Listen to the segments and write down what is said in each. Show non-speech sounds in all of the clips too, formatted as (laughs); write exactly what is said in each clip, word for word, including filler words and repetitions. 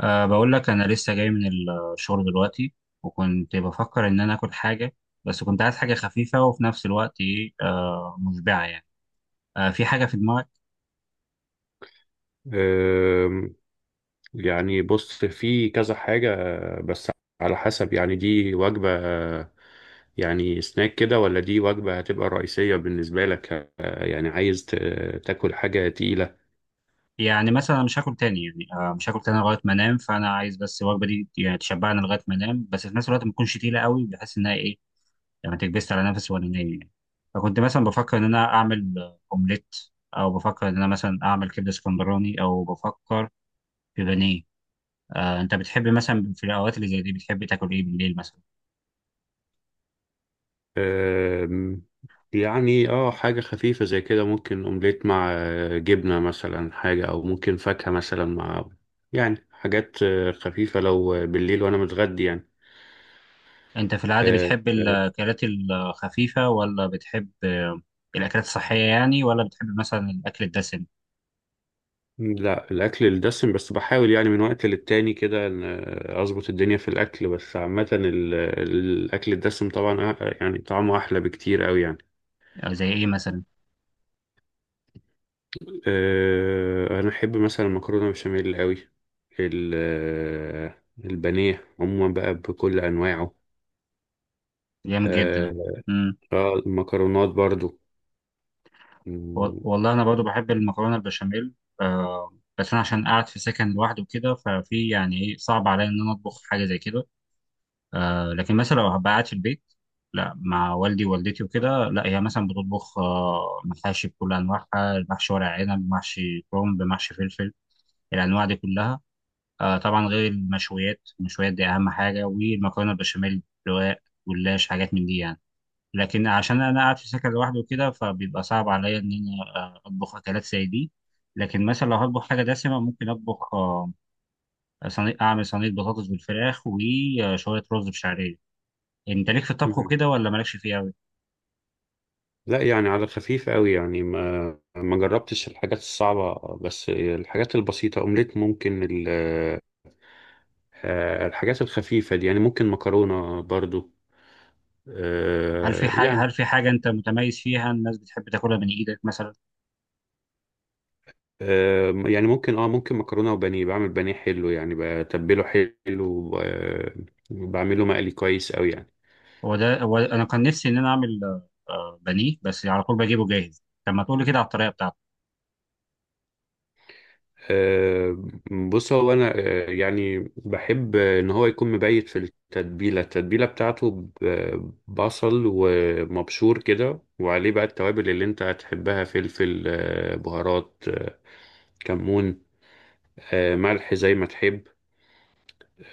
أه بقول لك أنا لسه جاي من الشغل دلوقتي، وكنت بفكر إن أنا آكل حاجة، بس كنت عايز حاجة خفيفة وفي نفس الوقت إيه أه مشبعة يعني. أه في حاجة في دماغك؟ أم، يعني بص، في كذا حاجة بس على حسب. يعني دي وجبة، يعني سناك كده، ولا دي وجبة هتبقى رئيسية بالنسبة لك؟ أه، يعني عايز ت- تاكل حاجة تقيلة. يعني مثلا أنا مش هاكل تاني، يعني أه مش هاكل تاني لغاية ما أنام، فأنا عايز بس الوجبة دي يعني تشبعني لغاية ما أنام، بس في نفس الوقت ما تكونش تقيلة قوي بحيث إنها إيه لما تكبست على نفسي وأنا نايم يعني. فكنت مثلا بفكر إن أنا أعمل آه، أومليت، أو بفكر إن أنا مثلا أعمل كبدة اسكندراني، أو بفكر في بانيه. آه، انت بتحب مثلا في الاوقات اللي زي دي بتحب تاكل ايه بالليل مثلا؟ أم، يعني اه حاجة خفيفة زي كده، ممكن اومليت مع أه، جبنة مثلا، حاجة، او ممكن فاكهة مثلا مع، يعني حاجات أه، خفيفة، لو آه، بالليل وانا متغدي يعني. انت في العاده آه، بتحب الاكلات الخفيفه، ولا بتحب آه، الاكلات الصحيه يعني، ولا بتحب مثلا الاكل الدسم؟ لا، الاكل الدسم، بس بحاول يعني من وقت للتاني كده إن اظبط الدنيا في الاكل. بس عامه ال- الاكل الدسم طبعا، أ- يعني طعمه احلى بكتير قوي يعني. آه، زي ايه مثلا؟ أه، انا احب مثلا المكرونه بشاميل قوي، ال- البانيه عموما بقى بكل انواعه. جامد جدا. أه، امم. آه، المكرونات برضو. و- م- والله انا برضو بحب المكرونه البشاميل. آه، بس انا عشان قاعد في سكن لوحدي وكده ففي يعني ايه صعب عليا ان انا اطبخ حاجه زي كده. آه لكن مثلا لو هبقى قاعد في البيت، لا، مع والدي ووالدتي وكده، لا هي مثلا بتطبخ آه محاشي بكل انواعها، محشي ورق عنب، محشي كرنب، محشي فلفل، الانواع دي كلها. آه طبعا غير المشويات، المشويات دي اهم حاجه، والمكرونه البشاميل، رقاق، جلاش، حاجات من دي يعني. لكن عشان انا قاعد في سكن لوحدي وكده فبيبقى صعب عليا ان انا آه، اطبخ اكلات زي دي. لكن مثلا لو هطبخ حاجه دسمه ممكن اطبخ آه، صينيه، اعمل صينيه بطاطس بالفراخ وشويه رز بشعريه. يعني انت ليك في الطبخ م- وكده، ولا مالكش فيه قوي؟ لا يعني، على خفيف قوي يعني. ما ما جربتش الحاجات الصعبه، بس الحاجات البسيطه، اومليت. ممكن ال آه، الحاجات الخفيفة دي يعني، ممكن مكرونة برضو. هل في آه، حاجه هل يعني في حاجه انت متميز فيها الناس بتحب تاكلها من ايدك مثلا؟ آه، يعني ممكن اه ممكن مكرونة وبانيه. بعمل بانيه حلو يعني، بتبله حلو، وب- وبعمله مقلي كويس أوي يعني. هو ده. هو انا كان نفسي ان انا اعمل آه، بانيه، بس على طول بجيبه جاهز، طب ما تقول لي كده على الطريقه بتاعته. آه، بص، هو أنا آه، يعني بحب إن هو يكون مبيت في التتبيلة التتبيلة بتاعته ب- بصل ومبشور كده، وعليه بقى التوابل اللي أنت هتحبها: فلفل، آه، بهارات، آه، كمون، آه، ملح، زي ما تحب.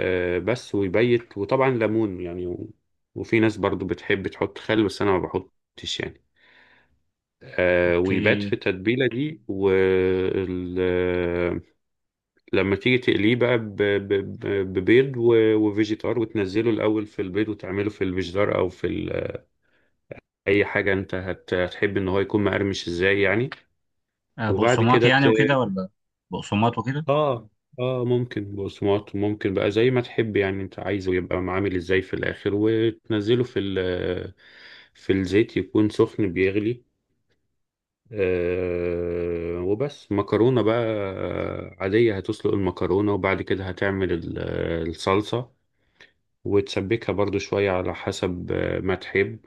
آه، بس ويبيت، وطبعا ليمون يعني و- وفي ناس برضو بتحب تحط خل، بس انا ما بحطش يعني. آه، ويبات في اوكي. التتبيله دي. ولما تيجي تقليه بقى ب- ب- ب- ببيض و- وفيجيتار، وتنزله الاول في البيض، وتعمله في الفيجيتار او في ال- اي حاجه انت هت- هتحب ان هو يكون مقرمش ازاي يعني. آه، وبعد بقسماط كده يعني وكده ولا؟ بقسماط وكده. اه اه ممكن بصمات، ممكن بقى زي ما تحب يعني، انت عايزه يبقى عامل ازاي في الاخر. وتنزله في ال- في الزيت يكون سخن بيغلي. آه، وبس مكرونة بقى عادية. هتسلق المكرونة، وبعد كده هتعمل ال- الصلصة، وتسبكها برضو شوية على حسب ما تحب.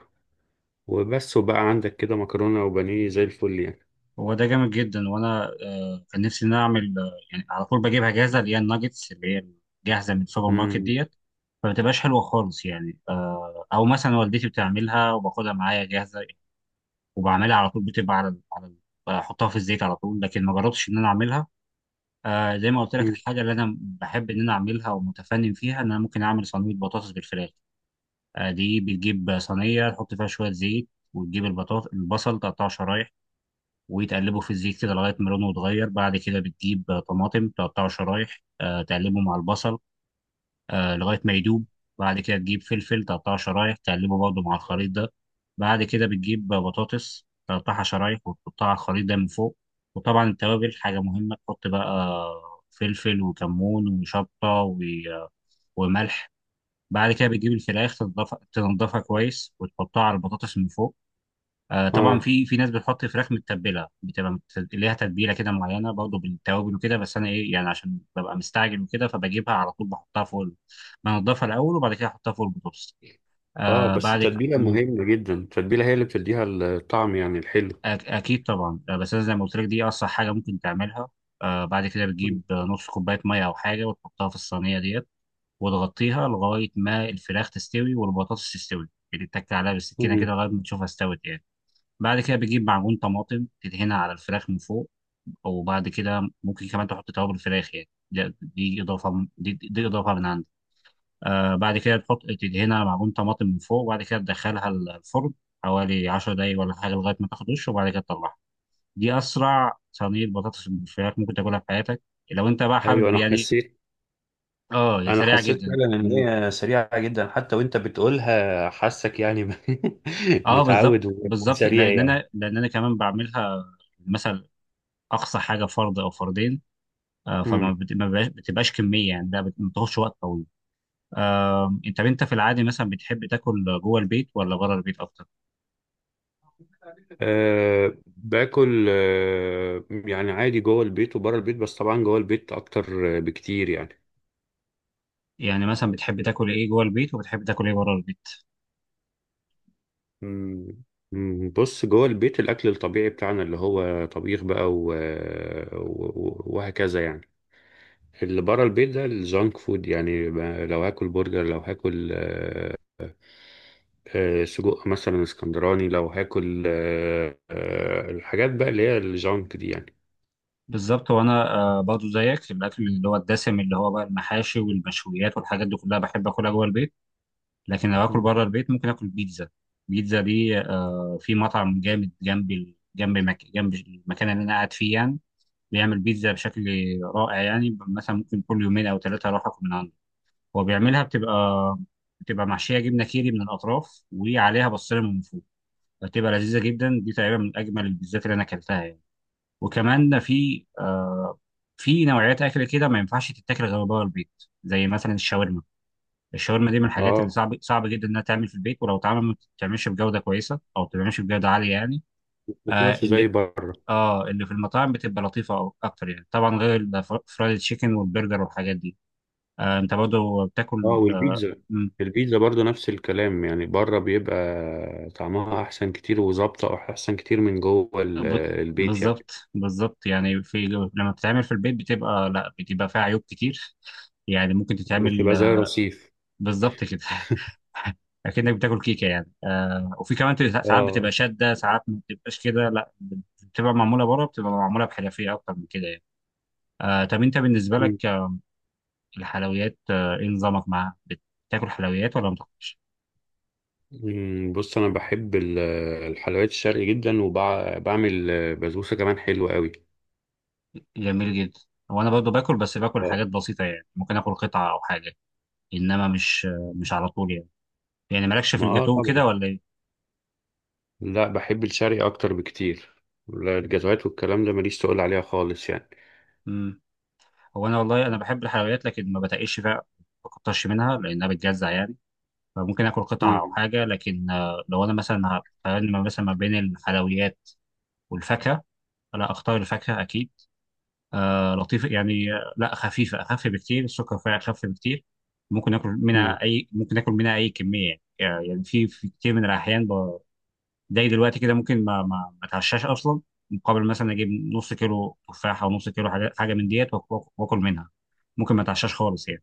وبس، وبقى عندك كده مكرونة وبانيه زي الفل يعني. هو ده جامد جدا، وانا آه، كان نفسي ان انا اعمل آه، يعني على طول بجيبها جاهزه، اللي هي الناجتس، اللي هي جاهزه من السوبر ماركت مم. ديت، فما بتبقاش حلوه خالص يعني. آه، او مثلا والدتي بتعملها وباخدها معايا جاهزه، وبعملها على طول، بتبقى على على بحطها في الزيت على طول، لكن ما جربتش ان انا اعملها. آه زي ما قلت لك، مم. الحاجه اللي انا بحب ان انا اعملها ومتفنن فيها ان انا ممكن اعمل صينيه بطاطس بالفراخ. آه دي بتجيب صينيه، تحط فيها شويه زيت، وتجيب البطاطس، البصل تقطعه شرايح وتقلبه في الزيت كده لغايه ما لونه يتغير. بعد كده بتجيب آه، طماطم، تقطعه شرايح، آه تقلبه مع البصل آه لغايه ما يدوب. بعد كده تجيب فلفل، تقطعه شرايح، تقلبه برضه مع الخليط ده. بعد كده بتجيب بطاطس تقطعها شرايح وتحطها على الخليط ده من فوق. وطبعا التوابل حاجه مهمه، تحط بقى فلفل وكمون وشطه و- وملح. بعد كده بتجيب الفراخ تنضف- تنضفها كويس وتحطها على البطاطس من فوق. آه طبعا اه، في في ناس بتحط فراخ متبله، بتبقى مت- ليها تتبيله كده معينه برضه بالتوابل وكده، بس انا ايه يعني عشان ببقى مستعجل وكده فبجيبها على طول بحطها فوق ال- بنضفها الاول وبعد كده احطها فوق البطاطس. اه، آه بس بعد ك- التتبيلة م، مهمة جدا، التتبيلة هي اللي بتديها الطعم يعني، الحلو. أك- اكيد طبعا. آه بس انا زي ما قلت لك دي اصح حاجه ممكن تعملها. آه بعد كده مم. بتجيب آه، نص كوبايه ميه او حاجه وتحطها في الصينيه ديت، وتغطيها لغايه ما الفراخ تستوي والبطاطس تستوي، يعني تتك عليها بالسكينه مم. كده لغايه ما تشوفها استوت يعني. بعد كده بتجيب معجون طماطم تدهنها على الفراخ من فوق. وبعد كده ممكن كمان تحط توابل الفراخ، يعني ده- دي اضافه من- دي, دي اضافه من عندي. آه بعد كده تحط تدهنها معجون طماطم من فوق، وبعد كده تدخلها الفرن حوالي 10 دقايق ولا حاجه لغايه ما تاخد وش، وبعد كده تطلعها. دي اسرع صينيه بطاطس بالفراخ ممكن تاكلها في حياتك لو انت بقى ايوه، حابب انا يعني. حسيت اه، هي انا سريعه حسيت جدا. فعلا ان مم. هي سريعة جدا، حتى وانت بتقولها حاسك يعني. (laughs) اه، بالظبط متعود بالظبط، وسريع لان يعني. انا، لان انا كمان بعملها مثلا. اقصى حاجه فرد او فردين. آه، فما مم. بت- ما بقاش- بتبقاش كميه يعني، ده بت- ما بتاخدش وقت طويل. آه، انت انت في العادي مثلا بتحب تاكل جوه البيت ولا بره البيت اكتر؟ أه، باكل، أه يعني عادي جوه البيت وبره البيت، بس طبعا جوه البيت اكتر آه، بكتير يعني. يعني مثلا بتحب تاكل ايه جوه البيت، وبتحب تاكل ايه بره البيت؟ مم. مم. بص، جوه البيت الاكل الطبيعي بتاعنا اللي هو طبيخ بقى و... و... وهكذا يعني. اللي بره البيت ده الجانك فود يعني. ب- لو هاكل برجر، لو هاكل آه، آه، سجق مثلا اسكندراني، لو هاكل آه، آه، الحاجات بقى اللي هي الجانك دي يعني. بالظبط. وانا آه، برضو زيك، الاكل اللي هو الدسم، اللي هو بقى المحاشي والمشويات والحاجات دي كلها بحب اكلها جوه البيت. لكن لو اكل مم. بره البيت ممكن اكل بيتزا. بيتزا دي آه، في مطعم جامد جنب ال- جنب مك... جنب المكان اللي انا قاعد فيه يعني، بيعمل بيتزا بشكل رائع. يعني مثلا ممكن كل يومين او ثلاثه اروح اكل من عنده. هو بيعملها، بتبقى بتبقى محشيه جبنه كيري من الاطراف وعليها بصله من فوق، بتبقى لذيذه جدا، دي تقريبا من اجمل البيتزات اللي انا اكلتها يعني. وكمان في آه في نوعيات اكل كده ما ينفعش تتاكل غير بره البيت، زي مثلا الشاورما. الشاورما دي من الحاجات اللي اه، صعب صعب جدا انها تعمل في البيت، ولو اتعمل ما بتتعملش بجوده كويسه، او ما بتتعملش بجوده عاليه يعني. ما آه بتطلعش زي اللي بره. اه، اللي في المطاعم بتبقى لطيفه أو- اكتر يعني، طبعا غير الفرايد تشيكن والبرجر والحاجات دي. آه انت برضه اه، بتاكل آه والبيتزا. البيتزا برضو نفس الكلام يعني. بره بيبقى طعمها احسن كتير وظابطه احسن كتير من جوه ال- ب- البيت يعني. بالظبط بالظبط يعني. في، لما بتتعمل في البيت بتبقى، لا، بتبقى فيها عيوب كتير يعني، ممكن تتعمل بتبقى زي آه، رصيف. بالظبط كده. (laughs) اكنك بتاكل كيكه يعني. آه وفي كمان بت- ساعات بتبقى اه. شاده، ساعات ما بتبقاش كده، لا، بتبقى معموله بره، بتبقى معموله بحرفيه اكتر من كده يعني. آه طب انت بالنسبه لك آه، الحلويات آه، ايه نظامك معاها؟ بتاكل حلويات ولا ما بتاكلش؟ مم، بص انا بحب ال- الحلويات الشرقي جدا، وبعمل بسبوسه كمان حلوه قوي. جميل جدا. وانا برضو باكل، بس باكل اه، حاجات بسيطه يعني، ممكن اكل قطعه او حاجه، انما مش آه، مش على طول يعني. يعني مالكش في ما آه الجاتوه طبعا. كده ولا ايه؟ لا، بحب الشرقي اكتر بكتير. لا، الجزوات والكلام ده ماليش تقول عليها خالص يعني. امم هو انا، والله انا بحب الحلويات لكن ما بتقيش فيها، ما بكترش منها لانها بتجزع يعني. فممكن اكل قطعه او مم. حاجه، لكن آه، لو انا مثلا هقارن ما- مثلا ما بين الحلويات والفاكهه، لا، اختار الفاكهه اكيد. آه لطيفه يعني. آه، لا، خفيفه، اخف بكتير، السكر فيها اخف بكتير، ممكن اكل مم. منها اي ممكن اكل منها اي كميه يعني يعني في في كتير من الاحيان، زي دلوقتي كده ممكن ما ما ما اتعشاش اصلا مقابل مثلا اجيب نص كيلو تفاحه او نص كيلو حاجه، حاجه من ديت وآك- وآك- واكل منها، ممكن ما اتعشاش خالص يعني.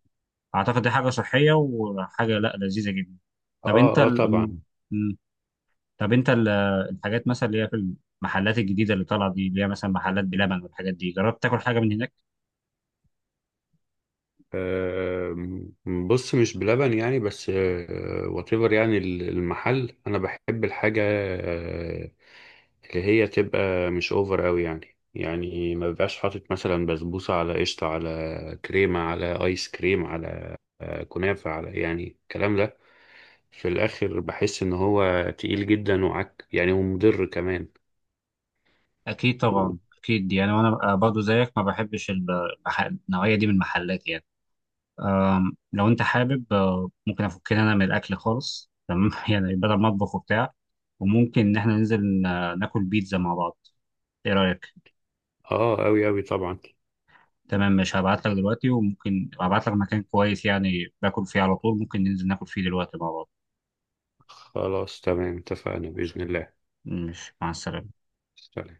اعتقد دي حاجه صحيه وحاجه، لا، لذيذه جدا. طب اه، انت اه، ال... أم- طبعا. أم. طب انت ال... الحاجات مثلا اللي هي في المحلات الجديده اللي طالعه دي، اللي هي مثلا محلات بلبن والحاجات دي، جربت تاكل حاجه من هناك؟ آم، بص مش بلبن يعني، بس واتيفر يعني. ال- المحل، انا بحب الحاجه آه، اللي هي تبقى مش اوفر قوي يعني يعني ما بيبقاش حاطط مثلا بسبوسه على قشطه على كريمه على ايس كريم على آه، كنافه على، يعني الكلام ده في الاخر بحس ان هو تقيل جدا وعك يعني، ومضر كمان. اكيد و- طبعا، اكيد يعني، وانا برضو زيك ما بحبش الب- المح- النوعيه دي من المحلات يعني. آم، لو انت حابب آه، ممكن افكنا انا من الاكل خالص، تمام. (laughs) يعني بدل ما اطبخ وبتاع، وممكن ان احنا ننزل ن- ناكل بيتزا مع بعض، ايه رايك؟ اه، قوي قوي طبعا. تمام، مش هبعت لك دلوقتي، وممكن ابعت لك مكان كويس يعني باكل فيه على طول، ممكن ننزل ناكل فيه دلوقتي مع بعض. خلاص تمام، اتفقنا باذن الله. مش مع السلامه. سلام.